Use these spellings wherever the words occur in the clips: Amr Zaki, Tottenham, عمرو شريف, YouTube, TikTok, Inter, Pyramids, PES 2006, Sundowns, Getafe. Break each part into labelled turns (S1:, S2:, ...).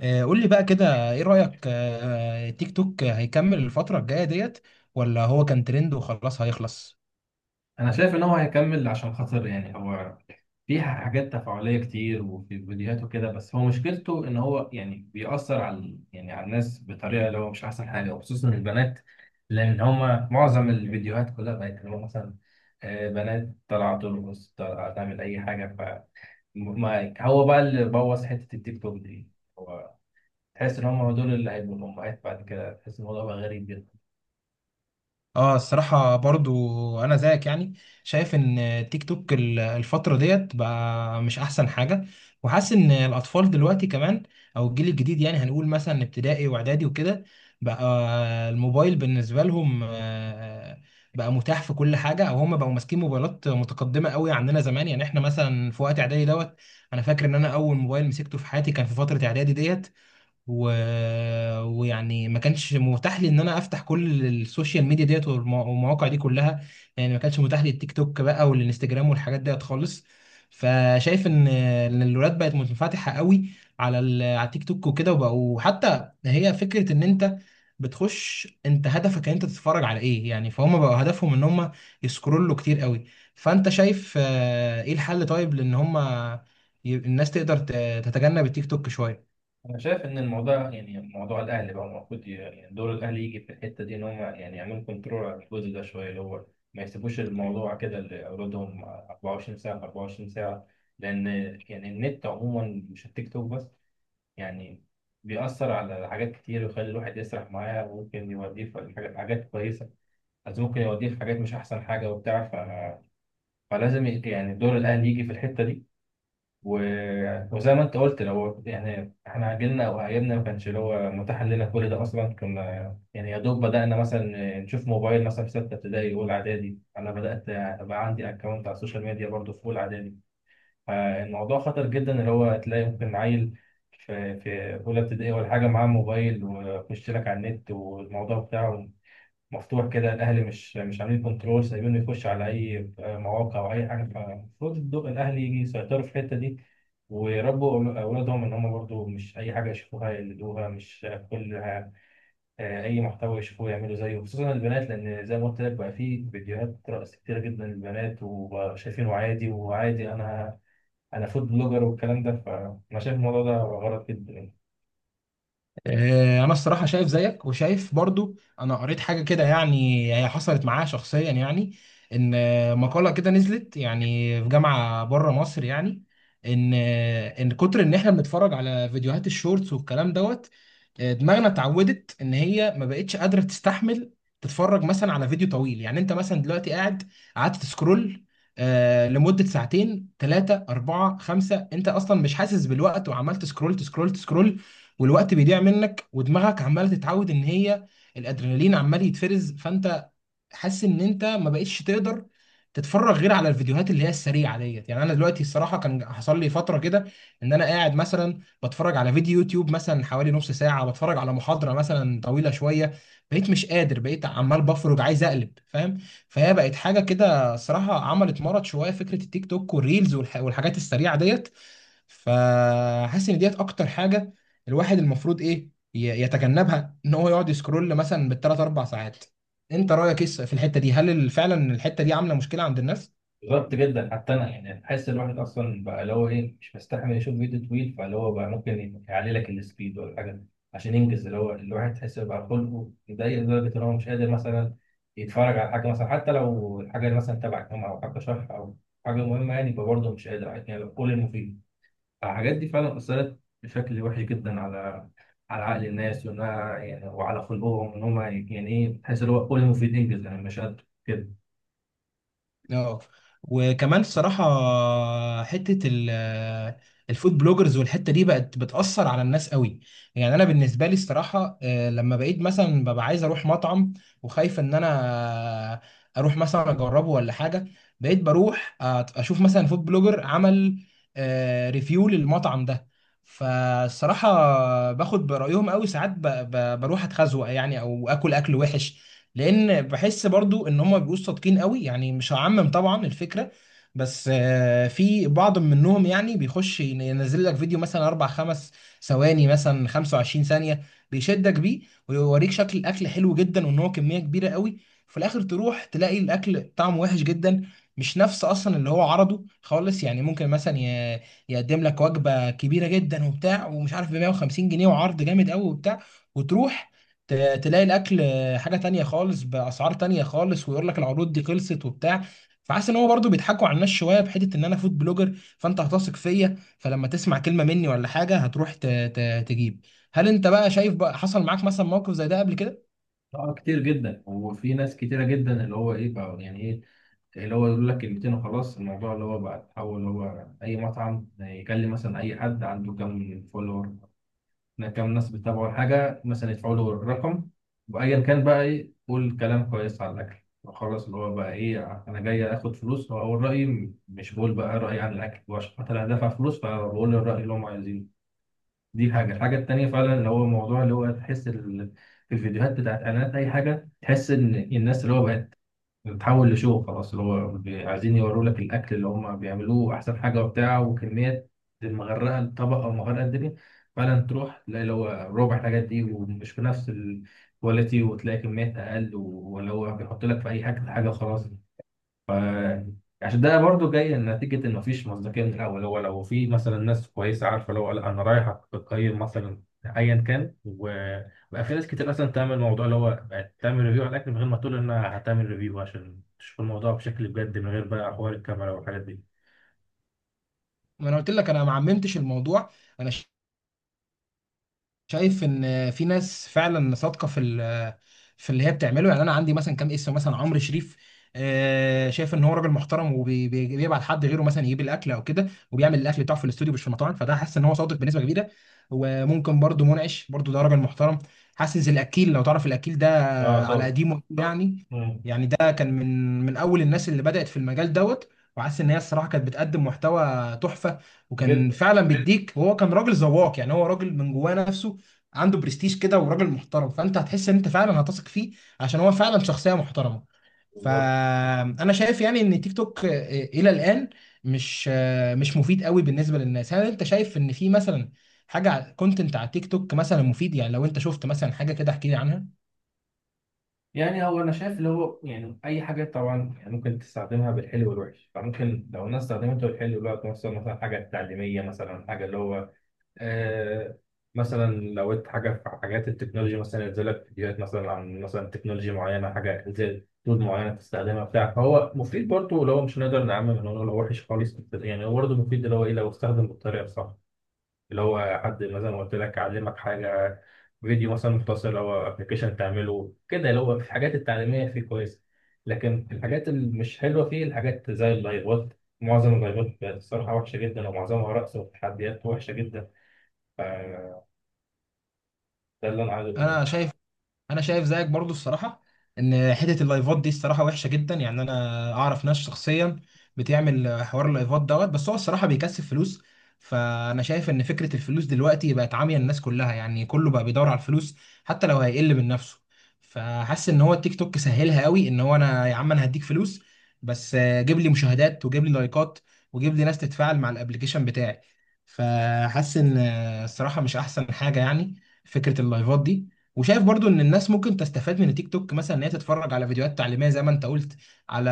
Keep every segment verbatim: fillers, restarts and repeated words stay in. S1: آه، قول لي بقى كده، ايه رأيك آه، آه، تيك توك هيكمل الفترة الجاية ديت، ولا هو كان ترند وخلاص هيخلص؟
S2: انا شايف ان هو هيكمل عشان خاطر يعني هو في حاجات تفاعليه كتير وفي فيديوهات وكده، بس هو مشكلته ان هو يعني بيأثر على يعني على الناس بطريقه اللي هو مش احسن حاجه وخصوصا البنات. لان هما معظم الفيديوهات كلها بقت اللي هو مثلا آه، بنات طالعه ترقص، طالعه تعمل اي حاجه، ف ما- هو بقى اللي بوظ حته التيك توك دي. هو تحس ان هما دول اللي هيبقوا الامهات بعد كده، تحس الموضوع بقى غريب جدا.
S1: اه، الصراحة برضو أنا زيك، يعني شايف إن تيك توك ال- الفترة ديت بقى مش أحسن حاجة. وحاسس إن الأطفال دلوقتي كمان، أو الجيل الجديد، يعني هنقول مثلا ابتدائي وإعدادي وكده، بقى الموبايل بالنسبة لهم آه، بقى متاح في كل حاجة، أو هم بقوا ماسكين موبايلات متقدمة قوي عننا زمان. يعني إحنا مثلا في وقت إعدادي دوت، أنا فاكر إن أنا أول موبايل مسكته في حياتي كان في فترة إعدادي ديت، و... ويعني ما كانش متاح لي ان انا افتح كل السوشيال ميديا ديت، والم- والمواقع دي كلها. يعني ما كانش متاح لي التيك توك بقى والانستجرام والحاجات ديت خالص. فشايف ان إن الولاد بقت منفتحه قوي على ال... على التيك توك وكده، وبقوا حتى هي فكره ان انت بتخش، انت هدفك ان انت تتفرج على ايه، يعني فهم بقوا هدفهم ان هم يسكرولوا كتير قوي. فانت شايف آه، ايه الحل؟ طيب لان هم، ي- الناس تقدر ت- تتجنب التيك توك شويه؟
S2: أنا شايف إن الموضوع يعني موضوع الأهلي بقى المفروض ي- يعني دور الأهلي يجي في الحتة دي، إن هم يعني يعملوا كنترول على الجزء ده شوية، اللي هو ما يسيبوش الموضوع كده لأولادهم أربعة وعشرين ساعة في أربعة وعشرين ساعة. لأن يعني النت عموما، مش التيك توك بس، يعني بيأثر على حاجات كتير، ويخلي الواحد يسرح معاه، وممكن يوديه في حاجات حاجات كويسة، بس ممكن يوديه في حاجات مش أحسن حاجة وبتاع ف... فلازم ي- يعني دور الأهلي يجي في الحتة دي. و- وزي ما انت قلت، لو يعني احنا عجلنا او عجلنا ما كانش اللي هو متاح لنا كل ده اصلا، كنا يعني يا دوب بدانا مثلا نشوف موبايل مثلا في سته ابتدائي اولى اعدادي. انا بدات ابقى عندي اكونت على السوشيال ميديا برضه في اولى اعدادي. فالموضوع خطر جدا، اللي هو تلاقي ممكن عيل في في اولى ابتدائي ولا حاجه معاه موبايل ويخش لك على النت، والموضوع بتاعه مفتوح كده. الاهلي مش مش عاملين كنترول، سايبينه يخش على اي آه، مواقع او اي حاجه. فالمفروض الدو- الاهلي يجي يسيطروا في الحته دي، ويربوا اولادهم ان هم برضو مش اي حاجه يشوفوها يقلدوها، مش كل آه، اي محتوى يشوفوه يعملوا زيه، خصوصا البنات، لان زي ما قلت لك بقى في فيديوهات رقص كتير جدا للبنات وشايفينه عادي وعادي. انا انا فود بلوجر والكلام ده، فانا شايف الموضوع ده غلط جدا،
S1: آه، انا الصراحه شايف زيك، وشايف برضو انا قريت حاجه كده، يعني هي حصلت معايا شخصيا، يعني ان آه، مقاله كده نزلت، يعني في جامعه بره مصر، يعني ان آه، ان كتر ان احنا بنتفرج على فيديوهات الشورتس والكلام دوت، آه، دماغنا اتعودت ان هي ما بقتش قادره تستحمل تتفرج مثلا على فيديو طويل. يعني انت مثلا دلوقتي قاعد قعدت تسكرول آه، لمدة ساعتين، ثلاثة، أربعة، خمسة، أنت أصلا مش حاسس بالوقت، وعمال تسكرول تسكرول تسكرول. والوقت بيضيع منك، ودماغك عماله تتعود ان هي الادرينالين عمال يتفرز، فانت حاسس ان انت ما بقتش تقدر تتفرج غير على الفيديوهات اللي هي السريعه ديت. يعني انا دلوقتي الصراحه كان حصل لي فتره كده ان انا قاعد مثلا بتفرج على فيديو يوتيوب مثلا حوالي نص ساعه، بتفرج على محاضره مثلا طويله شويه، بقيت مش قادر، بقيت عمال بفرج عايز اقلب، فاهم؟ فهي بقت حاجه كده الصراحه، عملت مرض شويه فكره التيك توك والريلز، والح- والحاجات السريعه ديت. فحاسس ان ديت اكتر حاجه الواحد المفروض ايه، ي- يتجنبها، ان هو يقعد يسكرول مثلا بالثلاث اربع ساعات. انت رايك ايه في الحته دي؟ هل فعلا الحته دي عامله مشكله عند الناس؟
S2: غلط جدا. حتى انا يعني بحس الواحد اصلا بقى اللي هو ايه مش مستحمل يشوف فيديو طويل، فاللي هو بقى ممكن يعلي لك السبيد ولا حاجه عشان ينجز. اللي هو الواحد تحس بقى خلقه يضايق لدرجه ان هو مش قادر مثلا يتفرج على حاجه، مثلا حتى لو الحاجه اللي مثلا تبع الجامعه، او حاجه شرح، او حاجه مهمه، يعني يبقى برضه مش قادر، يعني لو كل المفيد. الحاجات دي فعلا اثرت بشكل وحش جدا على على عقل الناس وانها يعني وعلى خلقهم، ان هم يعني ايه، تحس اللي هو كل المفيد ينجز يعني مش قادر كده.
S1: اه، وكمان الصراحة، حتة ال- الفود بلوجرز والحتة دي بقت بتأثر على الناس قوي. يعني أنا بالنسبة لي الصراحة، آه، لما بقيت مثلا ببقى عايز أروح مطعم، وخايف إن أنا أروح مثلا أجربه ولا حاجة، بقيت بروح أت- أشوف مثلا فود بلوجر عمل ريفيو للمطعم ده. فالصراحة باخد برأيهم قوي ساعات، ب- ب- بروح أتخزوق يعني، أو آكل أكل وحش. لان بحس برضو ان هم بيبقوا صادقين قوي، يعني مش هعمم طبعا الفكره. بس آه، في بعض منهم يعني بيخش ينزل لك فيديو مثلا اربع خمس ثواني، مثلا خمسة وعشرين ثانيه، بيشدك بيه ويوريك شكل الاكل حلو جدا، وان هو كميه كبيره قوي. في الاخر تروح تلاقي الاكل طعمه وحش جدا، مش نفس اصلا اللي هو عرضه خالص. يعني ممكن مثلا، ي- يقدم لك وجبه كبيره جدا وبتاع ومش عارف ب مية وخمسين جنيه وعرض جامد قوي وبتاع، وتروح ت- تلاقي الاكل حاجه تانية خالص باسعار تانية خالص، ويقول لك العروض دي خلصت وبتاع. فحاسس ان هو برضه بيضحكوا على الناس شويه، بحته ان انا فود بلوجر فانت هتثق فيا، فلما تسمع كلمه مني ولا حاجه هتروح ت- ت- تجيب. هل انت بقى شايف، بقى حصل معاك مثلا موقف زي ده قبل كده؟
S2: اه كتير جدا، وفي ناس كتيرة جدا اللي هو ايه بقى يعني ايه، اللي هو يقول لك كلمتين وخلاص. الموضوع اللي هو بقى اتحول، اللي هو اي مطعم يكلم مثلا اي حد عنده كام فولور، كام ناس بتتابعه، الحاجة مثلا يدفعوا له الرقم وايا كان بقى، ايه، قول كلام كويس على الاكل وخلاص. اللي هو بقى ايه، انا جاي اخد فلوس واقول رأيي، مش بقول بقى رأيي عن الاكل، وعشان خاطر انا دافع فلوس فبقول الرأي اللي هم عايزينه. دي حاجة. الحاجة التانية فعلا اللي هو موضوع، اللي هو تحس ال... في الفيديوهات بتاعت قناة أي حاجة، تحس إن الناس اللي هو بقت بتتحول لشو خلاص، اللي هو بي- عايزين يوروا لك الأكل اللي هم بيعملوه أحسن حاجة وبتاع، وكمية مغرقة الطبق أو مغرقة الدنيا. فعلا تروح تلاقي اللي هو ربع الحاجات دي ومش بنفس الكواليتي، وتلاقي كميات أقل و- ولا هو بيحط لك في أي حاجة حاجة وخلاص. ف- عشان ده برضو جاي نتيجة إن مفيش مصداقية من الأول. هو لو في مثلا ناس كويسة عارفة، لو قال أنا رايح أقيم مثلا أيا كان. وبقى في ناس كتير أصلا تعمل الموضوع، اللي هو بقت تعمل ريفيو على الأكل من غير ما تقول إنها هتعمل ريفيو، عشان تشوف الموضوع بشكل بجد من غير بقى حوار الكاميرا والحاجات دي.
S1: ما انا قلت لك انا ما عممتش الموضوع. انا شايف ان في ناس فعلا صادقه في ال- في اللي هي بتعمله. يعني انا عندي مثلا كام اسم، مثلا عمرو شريف، آه، شايف ان هو راجل محترم، وبيبعت حد غيره مثلا يجيب الاكل او كده، وبيعمل الاكل بتاعه في الاستوديو مش في المطاعم، فده حاسس ان هو صادق بنسبه كبيره. وممكن برضو منعش برضو، ده راجل محترم حاسس الاكيل لو تعرف الاكيل ده،
S2: اه
S1: على
S2: طبعا.
S1: قديمه يعني.
S2: مم.
S1: يعني ده كان من من اول الناس اللي بدات في المجال دوت، وحاسس ان هي الصراحه كانت بتقدم محتوى تحفه، وكان
S2: جدا.
S1: فعلا بيديك، وهو كان راجل ذواق يعني، هو راجل من جواه نفسه. عنده برستيج كده، وراجل محترم، فانت هتحس ان انت فعلا هتثق فيه، عشان هو فعلا شخصيه محترمه.
S2: بالظبط.
S1: فانا شايف يعني ان تيك توك آه، الى الان مش آه، مش مفيد قوي بالنسبه للناس. هل انت شايف ان في مثلا حاجه كونتنت، على content على تيك توك مثلا مفيد؟ يعني لو انت شفت مثلا حاجه كده احكي لي عنها.
S2: يعني هو انا شايف اللي هو يعني اي حاجه طبعا يعني ممكن تستخدمها بالحلو والوحش، فممكن لو الناس استخدمته بالحلو الوقت مثلا، مثلا حاجه تعليميه، مثلا حاجه اللي هو آه مثلا لو انت حاجه في حاجات التكنولوجي، مثلا ينزل لك فيديوهات مثلا عن مثلا تكنولوجيا معينه، حاجه زي تول معينه تستخدمها بتاع، فهو مفيد برضه. اللي هو مش هنقدر نعمم ان هو لو وحش خالص، بس يعني هو برضه مفيد، اللي هو ايه لو استخدم بالطريقه الصح. اللي هو حد مثلا قلت لك علمك حاجه، فيديو مثلا مختصر او ابلكيشن تعمله كده، اللي هو في الحاجات التعليميه فيه كويس. لكن الحاجات اللي مش حلوه فيه الحاجات زي اللايفات. معظم اللايفات الصراحه وحشه جدا، ومعظمها رقص وتحديات وحشه جدا. ده اللي انا عايز اقوله
S1: انا
S2: يعني.
S1: شايف انا شايف زيك برضو الصراحه، ان حته اللايفات دي الصراحه وحشه جدا. يعني انا اعرف ناس شخصيا بتعمل حوار اللايفات دوت، بس هو الصراحه بيكسب فلوس. فانا شايف ان فكره الفلوس دلوقتي بقت عاميه الناس كلها، يعني كله بقى بيدور على الفلوس، حتى لو هيقل من نفسه. فحاسس ان هو التيك توك سهلها قوي، ان هو انا يا عم انا هديك فلوس، بس آه، جيب لي مشاهدات، وجيب لي لايكات، وجيب لي ناس تتفاعل مع الابليكيشن بتاعي. فحاسس ان آه، الصراحه مش احسن حاجه يعني فكره اللايفات دي. وشايف برضو ان الناس ممكن تستفاد من التيك توك، مثلا ان هي تتفرج على فيديوهات تعليميه زي ما انت قلت، على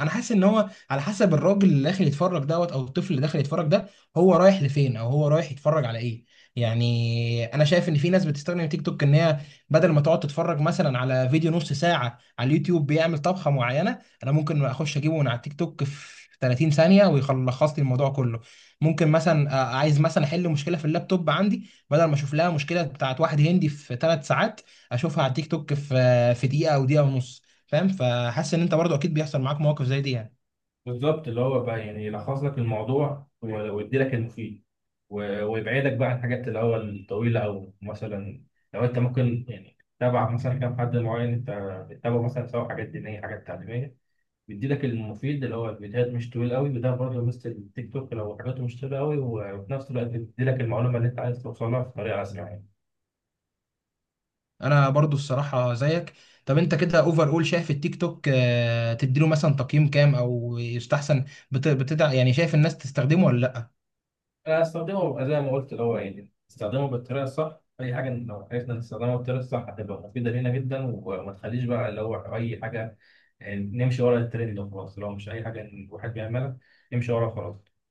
S1: انا حاسس ان هو على حسب الراجل اللي داخل يتفرج دوت، او الطفل اللي داخل يتفرج ده، هو رايح لفين، او هو رايح يتفرج على ايه. يعني انا شايف ان في ناس بتستخدم تيك توك ان هي بدل ما تقعد تتفرج مثلا على فيديو نص ساعه على اليوتيوب بيعمل طبخه معينه، انا ممكن اخش اجيبه من على التيك توك في ثلاثين ثانيه ويخلص لي الموضوع كله. ممكن مثلا آه، عايز مثلا احل مشكله في اللابتوب عندي، بدل ما اشوف لها مشكله بتاعت واحد هندي في ثلاث ساعات، اشوفها على التيك توك في في دقيقه او دقيقه ونص، فاهم؟ فحاسس ان انت برضو اكيد بيحصل معاك مواقف زي دي يعني.
S2: بالظبط اللي هو بقى يعني يلخص لك الموضوع و- ويدي لك المفيد و- ويبعدك بقى عن الحاجات اللي هو الطويله، او مثلا لو انت ممكن يعني تتابع مثلا كام حد معين، انت بتتابعه مثلا سواء حاجات دينيه حاجات تعليميه، بيدي لك المفيد اللي هو الفيديوهات مش طويل قوي، وده برضه مثل التيك توك لو حاجاته مش طويله قوي، وفي نفس الوقت بيدي لك المعلومه اللي انت عايز توصلها بطريقه اسرع يعني.
S1: انا برضو الصراحه زيك. طب انت كده اوفر اول شايف التيك توك، آه، تديله مثلا تقييم كام؟ او يستحسن، بت... بتدع يعني شايف الناس تستخدمه ولا لا؟
S2: أنا أستخدمه زي ما قلت، اللي هو يعني استخدمه بالطريقة الصح، أي حاجة إن لو عرفنا نستخدمها بالطريقة الصح هتبقى مفيدة لينا جدا، وما تخليش بقى اللي هو أي حاجة يعني نمشي ورا الترند وخلاص، لو مش أي حاجة إن الواحد بيعملها نمشي ورا خلاص.